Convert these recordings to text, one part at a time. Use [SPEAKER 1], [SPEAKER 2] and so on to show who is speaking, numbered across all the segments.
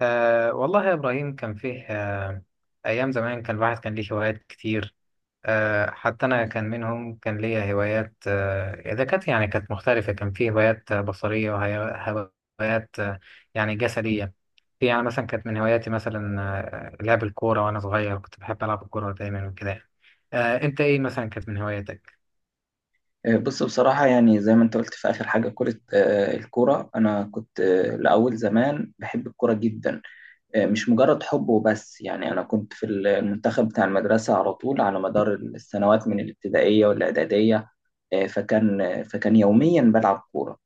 [SPEAKER 1] والله يا إبراهيم، كان فيه أيام زمان، كان الواحد كان ليه هوايات كتير. حتى أنا كان منهم، كان ليا هوايات إذا كانت يعني كانت مختلفة. كان فيه هوايات بصرية، وهوايات يعني جسدية. في يعني مثلا كانت من هواياتي مثلا لعب الكورة، وأنا صغير كنت بحب ألعب الكورة دايما وكده. أنت إيه مثلا كانت من هواياتك؟
[SPEAKER 2] بص بصراحة يعني زي ما انت قلت في آخر حاجة كرة الكرة أنا كنت لأول زمان بحب الكرة جدا. مش مجرد حب وبس، يعني أنا كنت في المنتخب بتاع المدرسة على طول، على مدار السنوات من الابتدائية والإعدادية. فكان يوميا بلعب كورة.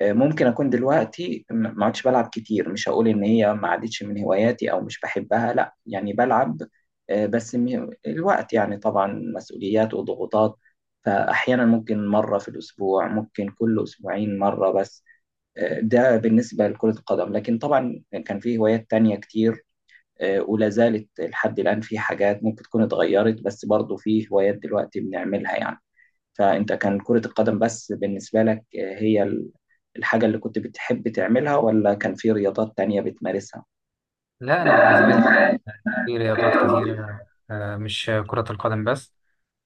[SPEAKER 2] ممكن اكون دلوقتي ما عدتش بلعب كتير، مش هقول ان هي ما عادتش من هواياتي او مش بحبها، لا يعني بلعب. بس الوقت، يعني طبعا مسؤوليات وضغوطات، فاحيانا ممكن مره في الاسبوع، ممكن كل اسبوعين مره بس. ده بالنسبه لكرة القدم، لكن طبعا كان في هوايات تانية كتير. ولا زالت لحد الان، في حاجات ممكن تكون اتغيرت بس برضو في هوايات دلوقتي بنعملها يعني. فأنت كان كرة القدم بس بالنسبة لك، هي الحاجة اللي كنت بتحب تعملها، ولا كان في رياضات تانية بتمارسها؟
[SPEAKER 1] لا، أنا بالنسبة لي في رياضات كتيرة، مش كرة القدم بس.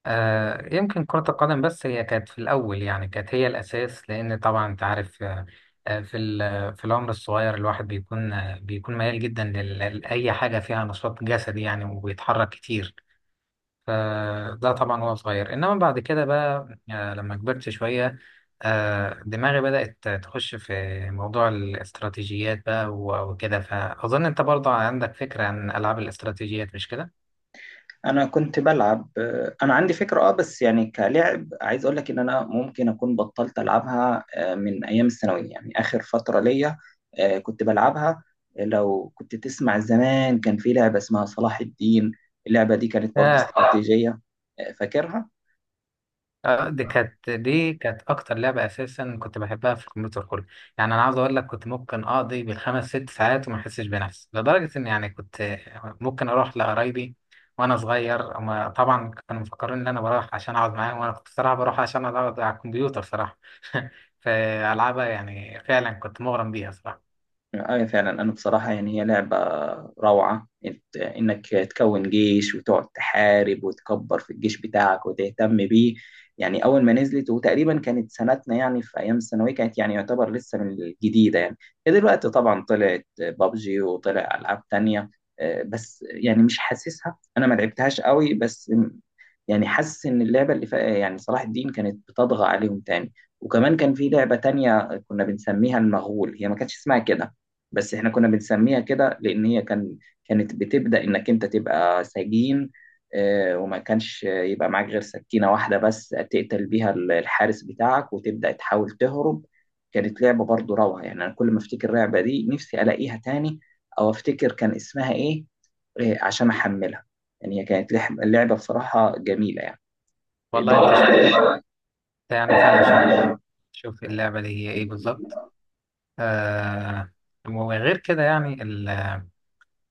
[SPEAKER 1] يمكن كرة القدم بس هي كانت في الأول، يعني كانت هي الأساس، لأن طبعا أنت عارف في في العمر الصغير الواحد بيكون بيكون ميال جدا لأي حاجة فيها نشاط جسدي يعني، وبيتحرك كتير. فده طبعا وهو صغير، إنما بعد كده بقى لما كبرت شوية دماغي بدأت تخش في موضوع الاستراتيجيات بقى وكده. فأظن أنت برضه عندك فكرة عن ألعاب الاستراتيجيات، مش كده؟
[SPEAKER 2] أنا كنت بلعب، أنا عندي فكرة أه، بس يعني كلعب عايز أقول لك إن أنا ممكن أكون بطلت ألعبها من أيام الثانوية، يعني آخر فترة ليا كنت بلعبها. لو كنت تسمع زمان، كان في لعبة اسمها صلاح الدين، اللعبة دي كانت برضه استراتيجية. فاكرها؟
[SPEAKER 1] دي كانت اكتر لعبه اساسا كنت بحبها في الكمبيوتر كله. يعني انا عاوز اقول لك، كنت ممكن اقضي بالخمس ست ساعات وما احسش بنفسي، لدرجه ان يعني كنت ممكن اروح لقرايبي وانا صغير. هما طبعا كانوا مفكرين ان انا بروح عشان اقعد معاهم، وانا كنت صراحه بروح عشان اقعد على الكمبيوتر صراحه. فالعبها يعني فعلا كنت مغرم بيها صراحه.
[SPEAKER 2] أي فعلا، أنا بصراحة يعني هي لعبة روعة، إنك تكون جيش وتقعد تحارب وتكبر في الجيش بتاعك وتهتم بيه. يعني أول ما نزلت، وتقريبا كانت سنتنا يعني في أيام الثانوية، كانت يعني يعتبر لسه من الجديدة يعني. دلوقتي طبعا طلعت بابجي وطلع ألعاب تانية، بس يعني مش حاسسها، أنا ما لعبتهاش قوي، بس يعني حاسس ان اللعبه اللي يعني صلاح الدين كانت بتطغى عليهم تاني. وكمان كان في لعبه تانية كنا بنسميها المغول، هي ما كانتش اسمها كده بس احنا كنا بنسميها كده، لان هي كانت بتبدا انك انت تبقى سجين. وما كانش يبقى معاك غير سكينه واحده بس، تقتل بيها الحارس بتاعك وتبدا تحاول تهرب. كانت لعبه برضو روعه يعني، انا كل ما افتكر اللعبه دي نفسي الاقيها تاني، او افتكر كان اسمها ايه عشان احملها. يعني هي كانت لعبه بصراحه جميله يعني. دي
[SPEAKER 1] والله انت شو أنت، يعني فعلا شوف، شوف اللعبه دي هي ايه بالظبط. آه، وغير كده يعني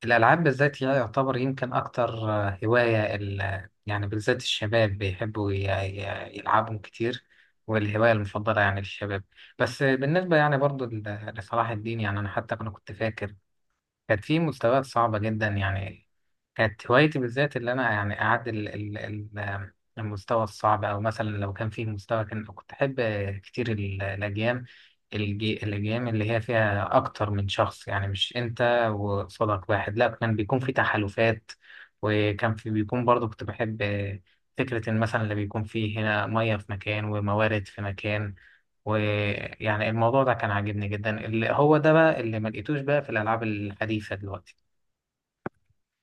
[SPEAKER 1] الألعاب بالذات هي يعتبر يمكن أكتر هواية، يعني بالذات الشباب بيحبوا يلعبهم كتير، والهواية المفضلة يعني للشباب. بس بالنسبة يعني برضو لصلاح الدين، يعني أنا حتى أنا كنت فاكر كانت في مستويات صعبة جدا يعني. كانت هوايتي بالذات اللي أنا يعني أعدل المستوى الصعب، أو مثلا لو كان فيه مستوى كان كنت أحب كتير الأجيال، الأجيال اللي هي فيها أكتر من شخص، يعني مش أنت وصديق واحد، لا كان بيكون في تحالفات. وكان في بيكون برضه كنت بحب فكرة إن مثلا اللي بيكون فيه هنا مية في مكان وموارد في مكان. ويعني الموضوع ده كان عاجبني جدا، اللي هو ده بقى اللي ما لقيتوش بقى في الألعاب الحديثة دلوقتي.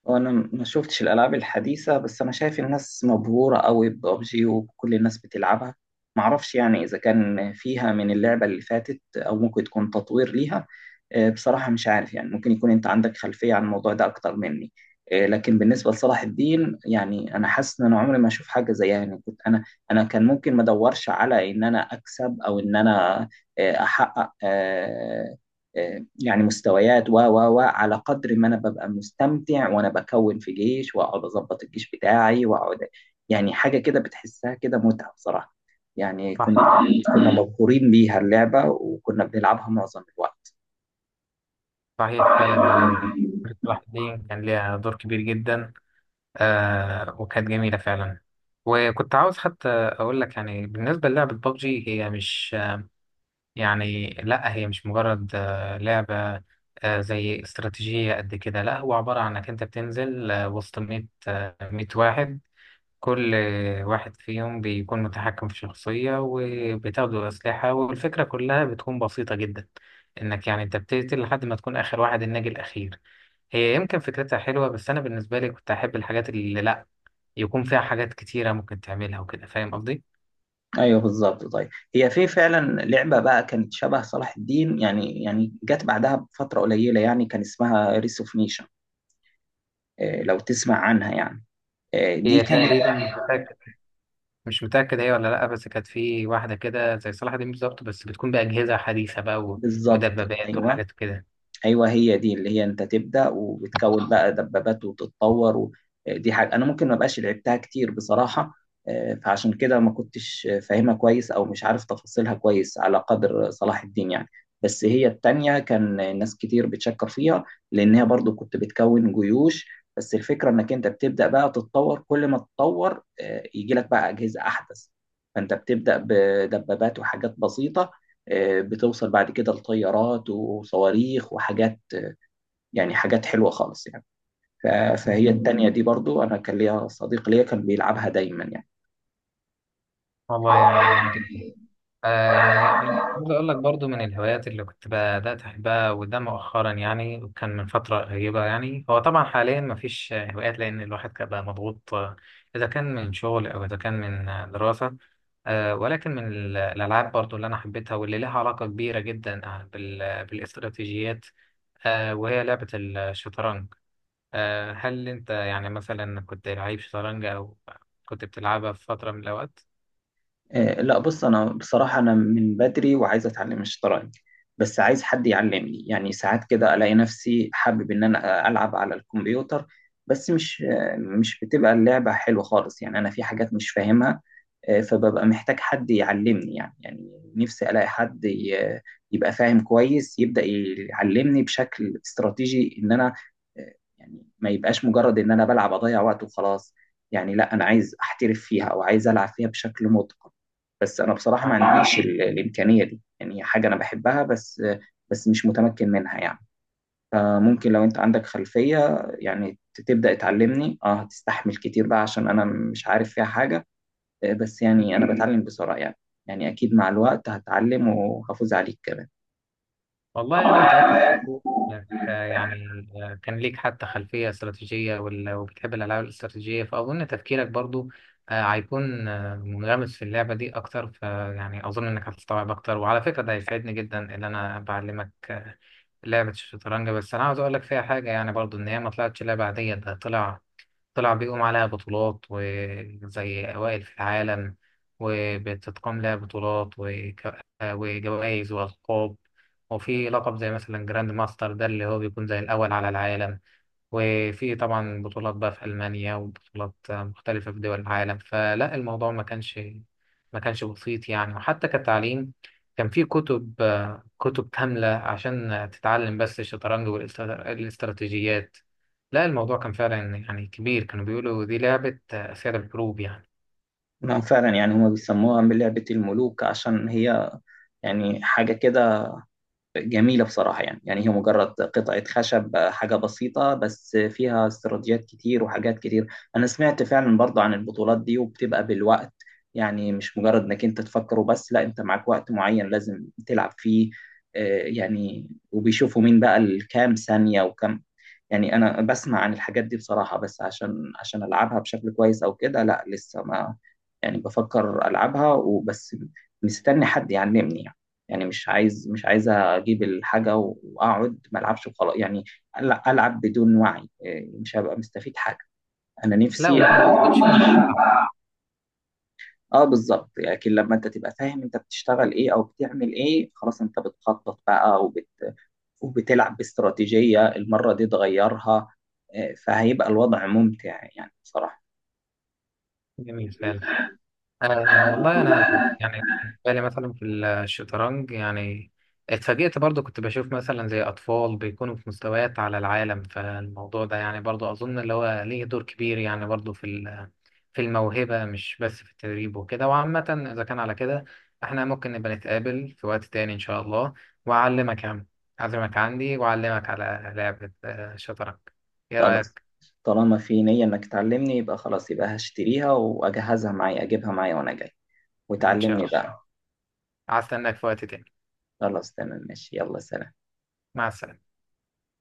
[SPEAKER 2] وانا ما شفتش الالعاب الحديثه، بس انا شايف الناس مبهوره قوي ببجي وكل الناس بتلعبها. معرفش يعني اذا كان فيها من اللعبه اللي فاتت او ممكن تكون تطوير ليها. بصراحه مش عارف يعني، ممكن يكون انت عندك خلفيه عن الموضوع ده اكتر مني. لكن بالنسبه لصلاح الدين يعني انا حاسس ان انا عمري ما اشوف حاجه زيها يعني. كنت انا انا كان ممكن ما ادورش على ان انا اكسب او ان انا احقق يعني مستويات، و على قدر ما انا ببقى مستمتع وانا بكون في جيش واقعد اظبط الجيش بتاعي واقعد، يعني حاجه كده بتحسها كده متعه بصراحه. يعني
[SPEAKER 1] صحيح،
[SPEAKER 2] كنا
[SPEAKER 1] صحيح.
[SPEAKER 2] كنا مبهورين بيها اللعبه، وكنا بنلعبها معظم الوقت.
[SPEAKER 1] صحيح فعلا يعني، كرة الواحد دي كان ليها دور كبير جدا. آه، وكانت جميلة فعلا. وكنت عاوز حتى أقول لك يعني بالنسبة للعبة ببجي، هي مش، يعني لا هي مش مجرد آه لعبة زي استراتيجية قد كده. لا، هو عبارة عن إنك أنت بتنزل آه وسط 100 واحد، كل واحد فيهم بيكون متحكم في شخصية وبتاخدوا أسلحة، والفكرة كلها بتكون بسيطة جدا، إنك يعني أنت بتقتل لحد ما تكون آخر واحد، الناجي الأخير. هي يمكن فكرتها حلوة، بس أنا بالنسبة لي كنت أحب الحاجات اللي لأ يكون فيها حاجات كتيرة ممكن تعملها وكده، فاهم قصدي؟
[SPEAKER 2] ايوه بالظبط. طيب، هي في فعلا لعبه بقى كانت شبه صلاح الدين، يعني يعني جت بعدها بفتره قليله، يعني كان اسمها ريس اوف نيشن، لو تسمع عنها يعني. دي
[SPEAKER 1] هي
[SPEAKER 2] كانت
[SPEAKER 1] تقريبا مش متأكد هي ولا لأ، بس كانت في واحدة كده زي صلاح دين بالظبط، بس بتكون بأجهزة حديثة بقى،
[SPEAKER 2] بالظبط.
[SPEAKER 1] ومدببات
[SPEAKER 2] ايوه
[SPEAKER 1] وحاجات كده.
[SPEAKER 2] ايوه، هي دي اللي هي انت تبدا وبتكون بقى دبابات وتتطور دي حاجه انا ممكن ما بقاش لعبتها كتير بصراحه. فعشان كده ما كنتش فاهمها كويس او مش عارف تفاصيلها كويس على قدر صلاح الدين يعني. بس هي التانية كان ناس كتير بتشكر فيها، لان هي برضو كنت بتكون جيوش، بس الفكره انك انت بتبدا بقى تتطور، كل ما تتطور يجي لك بقى اجهزه احدث. فانت بتبدا بدبابات وحاجات بسيطه، بتوصل بعد كده لطيارات وصواريخ وحاجات، يعني حاجات حلوة خالص يعني. ف- فهي
[SPEAKER 1] مم.
[SPEAKER 2] التانية دي برضو أنا كان ليا صديق ليا كان بيلعبها دايما يعني.
[SPEAKER 1] والله يعني جميل جدا. يعني أنا عاوز أقول لك برضو، من الهوايات اللي كنت بدأت أحبها وده مؤخرا يعني، وكان من فترة قريبة يعني. هو طبعا حاليا مفيش هوايات، لأن الواحد كان بقى مضغوط، إذا كان من شغل أو إذا كان من دراسة. ولكن من الألعاب برضو اللي أنا حبيتها، واللي لها علاقة كبيرة جدا بالاستراتيجيات، وهي لعبة الشطرنج. هل أنت يعني مثلا كنت لعيب شطرنج، أو كنت بتلعبها في فترة من الأوقات؟
[SPEAKER 2] لا بص، انا بصراحه انا من بدري وعايز اتعلم الشطرنج، بس عايز حد يعلمني يعني. ساعات كده الاقي نفسي حابب ان انا العب على الكمبيوتر، بس مش مش بتبقى اللعبه حلوه خالص يعني، انا في حاجات مش فاهمها. فببقى محتاج حد يعلمني يعني. يعني نفسي الاقي حد يبقى فاهم كويس، يبدا يعلمني بشكل استراتيجي ان انا آه، يعني ما يبقاش مجرد ان انا بلعب اضيع وقت وخلاص يعني. لا انا عايز احترف فيها او عايز العب فيها بشكل متقن، بس انا بصراحه ما
[SPEAKER 1] صحيح.
[SPEAKER 2] عنديش الامكانيه دي. يعني هي حاجه انا بحبها، بس بس مش متمكن منها يعني. فممكن لو انت عندك خلفيه يعني تبدا تعلمني، اه هتستحمل كتير بقى عشان انا مش عارف فيها حاجه. بس يعني انا بتعلم بسرعه يعني، يعني اكيد مع الوقت هتعلم وهفوز عليك كمان.
[SPEAKER 1] والله أنا متأكد إنك يعني كان ليك حتى خلفية استراتيجية، وبتحب الألعاب الاستراتيجية، فأظن تفكيرك برضو هيكون منغمس في اللعبة دي أكتر. فيعني أظن إنك هتستوعب أكتر، وعلى فكرة ده هيساعدني جدا إن أنا بعلمك لعبة الشطرنج. بس أنا عاوز أقول لك فيها حاجة يعني برضو، إن هي ما طلعتش لعبة عادية، ده طلع بيقوم عليها بطولات وزي أوائل في العالم، وبتتقام لها بطولات وجوائز وألقاب. وفي لقب زي مثلا جراند ماستر، ده اللي هو بيكون زي الأول على العالم. وفي طبعا بطولات بقى في ألمانيا، وبطولات مختلفة في دول العالم. فلا، الموضوع ما كانش بسيط يعني. وحتى كتعليم كان في كتب كاملة عشان تتعلم بس الشطرنج والاستراتيجيات. لا، الموضوع كان فعلا يعني كبير، كانوا بيقولوا دي لعبة أسئلة الحروب يعني.
[SPEAKER 2] ما فعلا يعني هما بيسموها من لعبه الملوك، عشان هي يعني حاجه كده جميلة بصراحة يعني. يعني هي مجرد قطعة خشب، حاجة بسيطة بس فيها استراتيجيات كتير وحاجات كتير. أنا سمعت فعلا برضه عن البطولات دي، وبتبقى بالوقت، يعني مش مجرد إنك أنت تفكر وبس، لا أنت معاك وقت معين لازم تلعب فيه. يعني وبيشوفوا مين بقى الكام ثانية وكم. يعني أنا بسمع عن الحاجات دي بصراحة، بس عشان ألعبها بشكل كويس أو كده لا لسه ما، يعني بفكر ألعبها وبس، مستني حد يعلمني يعني. يعني مش عايز مش عايز اجيب الحاجه واقعد ما العبش وخلاص يعني، العب بدون وعي إيه، مش هبقى مستفيد حاجه. انا
[SPEAKER 1] لا،
[SPEAKER 2] نفسي.
[SPEAKER 1] وما بتكونش ممتعة.
[SPEAKER 2] اه بالظبط، لكن لما انت تبقى فاهم انت بتشتغل ايه او بتعمل ايه، خلاص انت بتخطط بقى وبتلعب باستراتيجيه، المره دي تغيرها. فهيبقى الوضع ممتع يعني بصراحه.
[SPEAKER 1] جميل فعلا. أه، والله أنا يعني بالي مثلا في الشطرنج، يعني اتفاجئت برضو، كنت بشوف مثلا زي أطفال بيكونوا في مستويات على العالم، فالموضوع ده يعني برضو أظن اللي هو ليه دور كبير يعني برضو في في الموهبة، مش بس في التدريب وكده. وعامة إذا كان على كده، إحنا ممكن نبقى نتقابل في وقت تاني إن شاء الله، وأعلمك يعني، أعزمك عندي وأعلمك على لعبة شطرنج. إيه
[SPEAKER 2] خلاص،
[SPEAKER 1] رأيك؟
[SPEAKER 2] طالما في نيه انك تعلمني، يبقى خلاص، يبقى هشتريها واجهزها معايا اجيبها معايا وانا جاي،
[SPEAKER 1] إن شاء
[SPEAKER 2] وتعلمني
[SPEAKER 1] الله،
[SPEAKER 2] بقى.
[SPEAKER 1] هستناك في وقت تاني.
[SPEAKER 2] خلاص تمام ماشي، يلا سلام.
[SPEAKER 1] مع السلامة.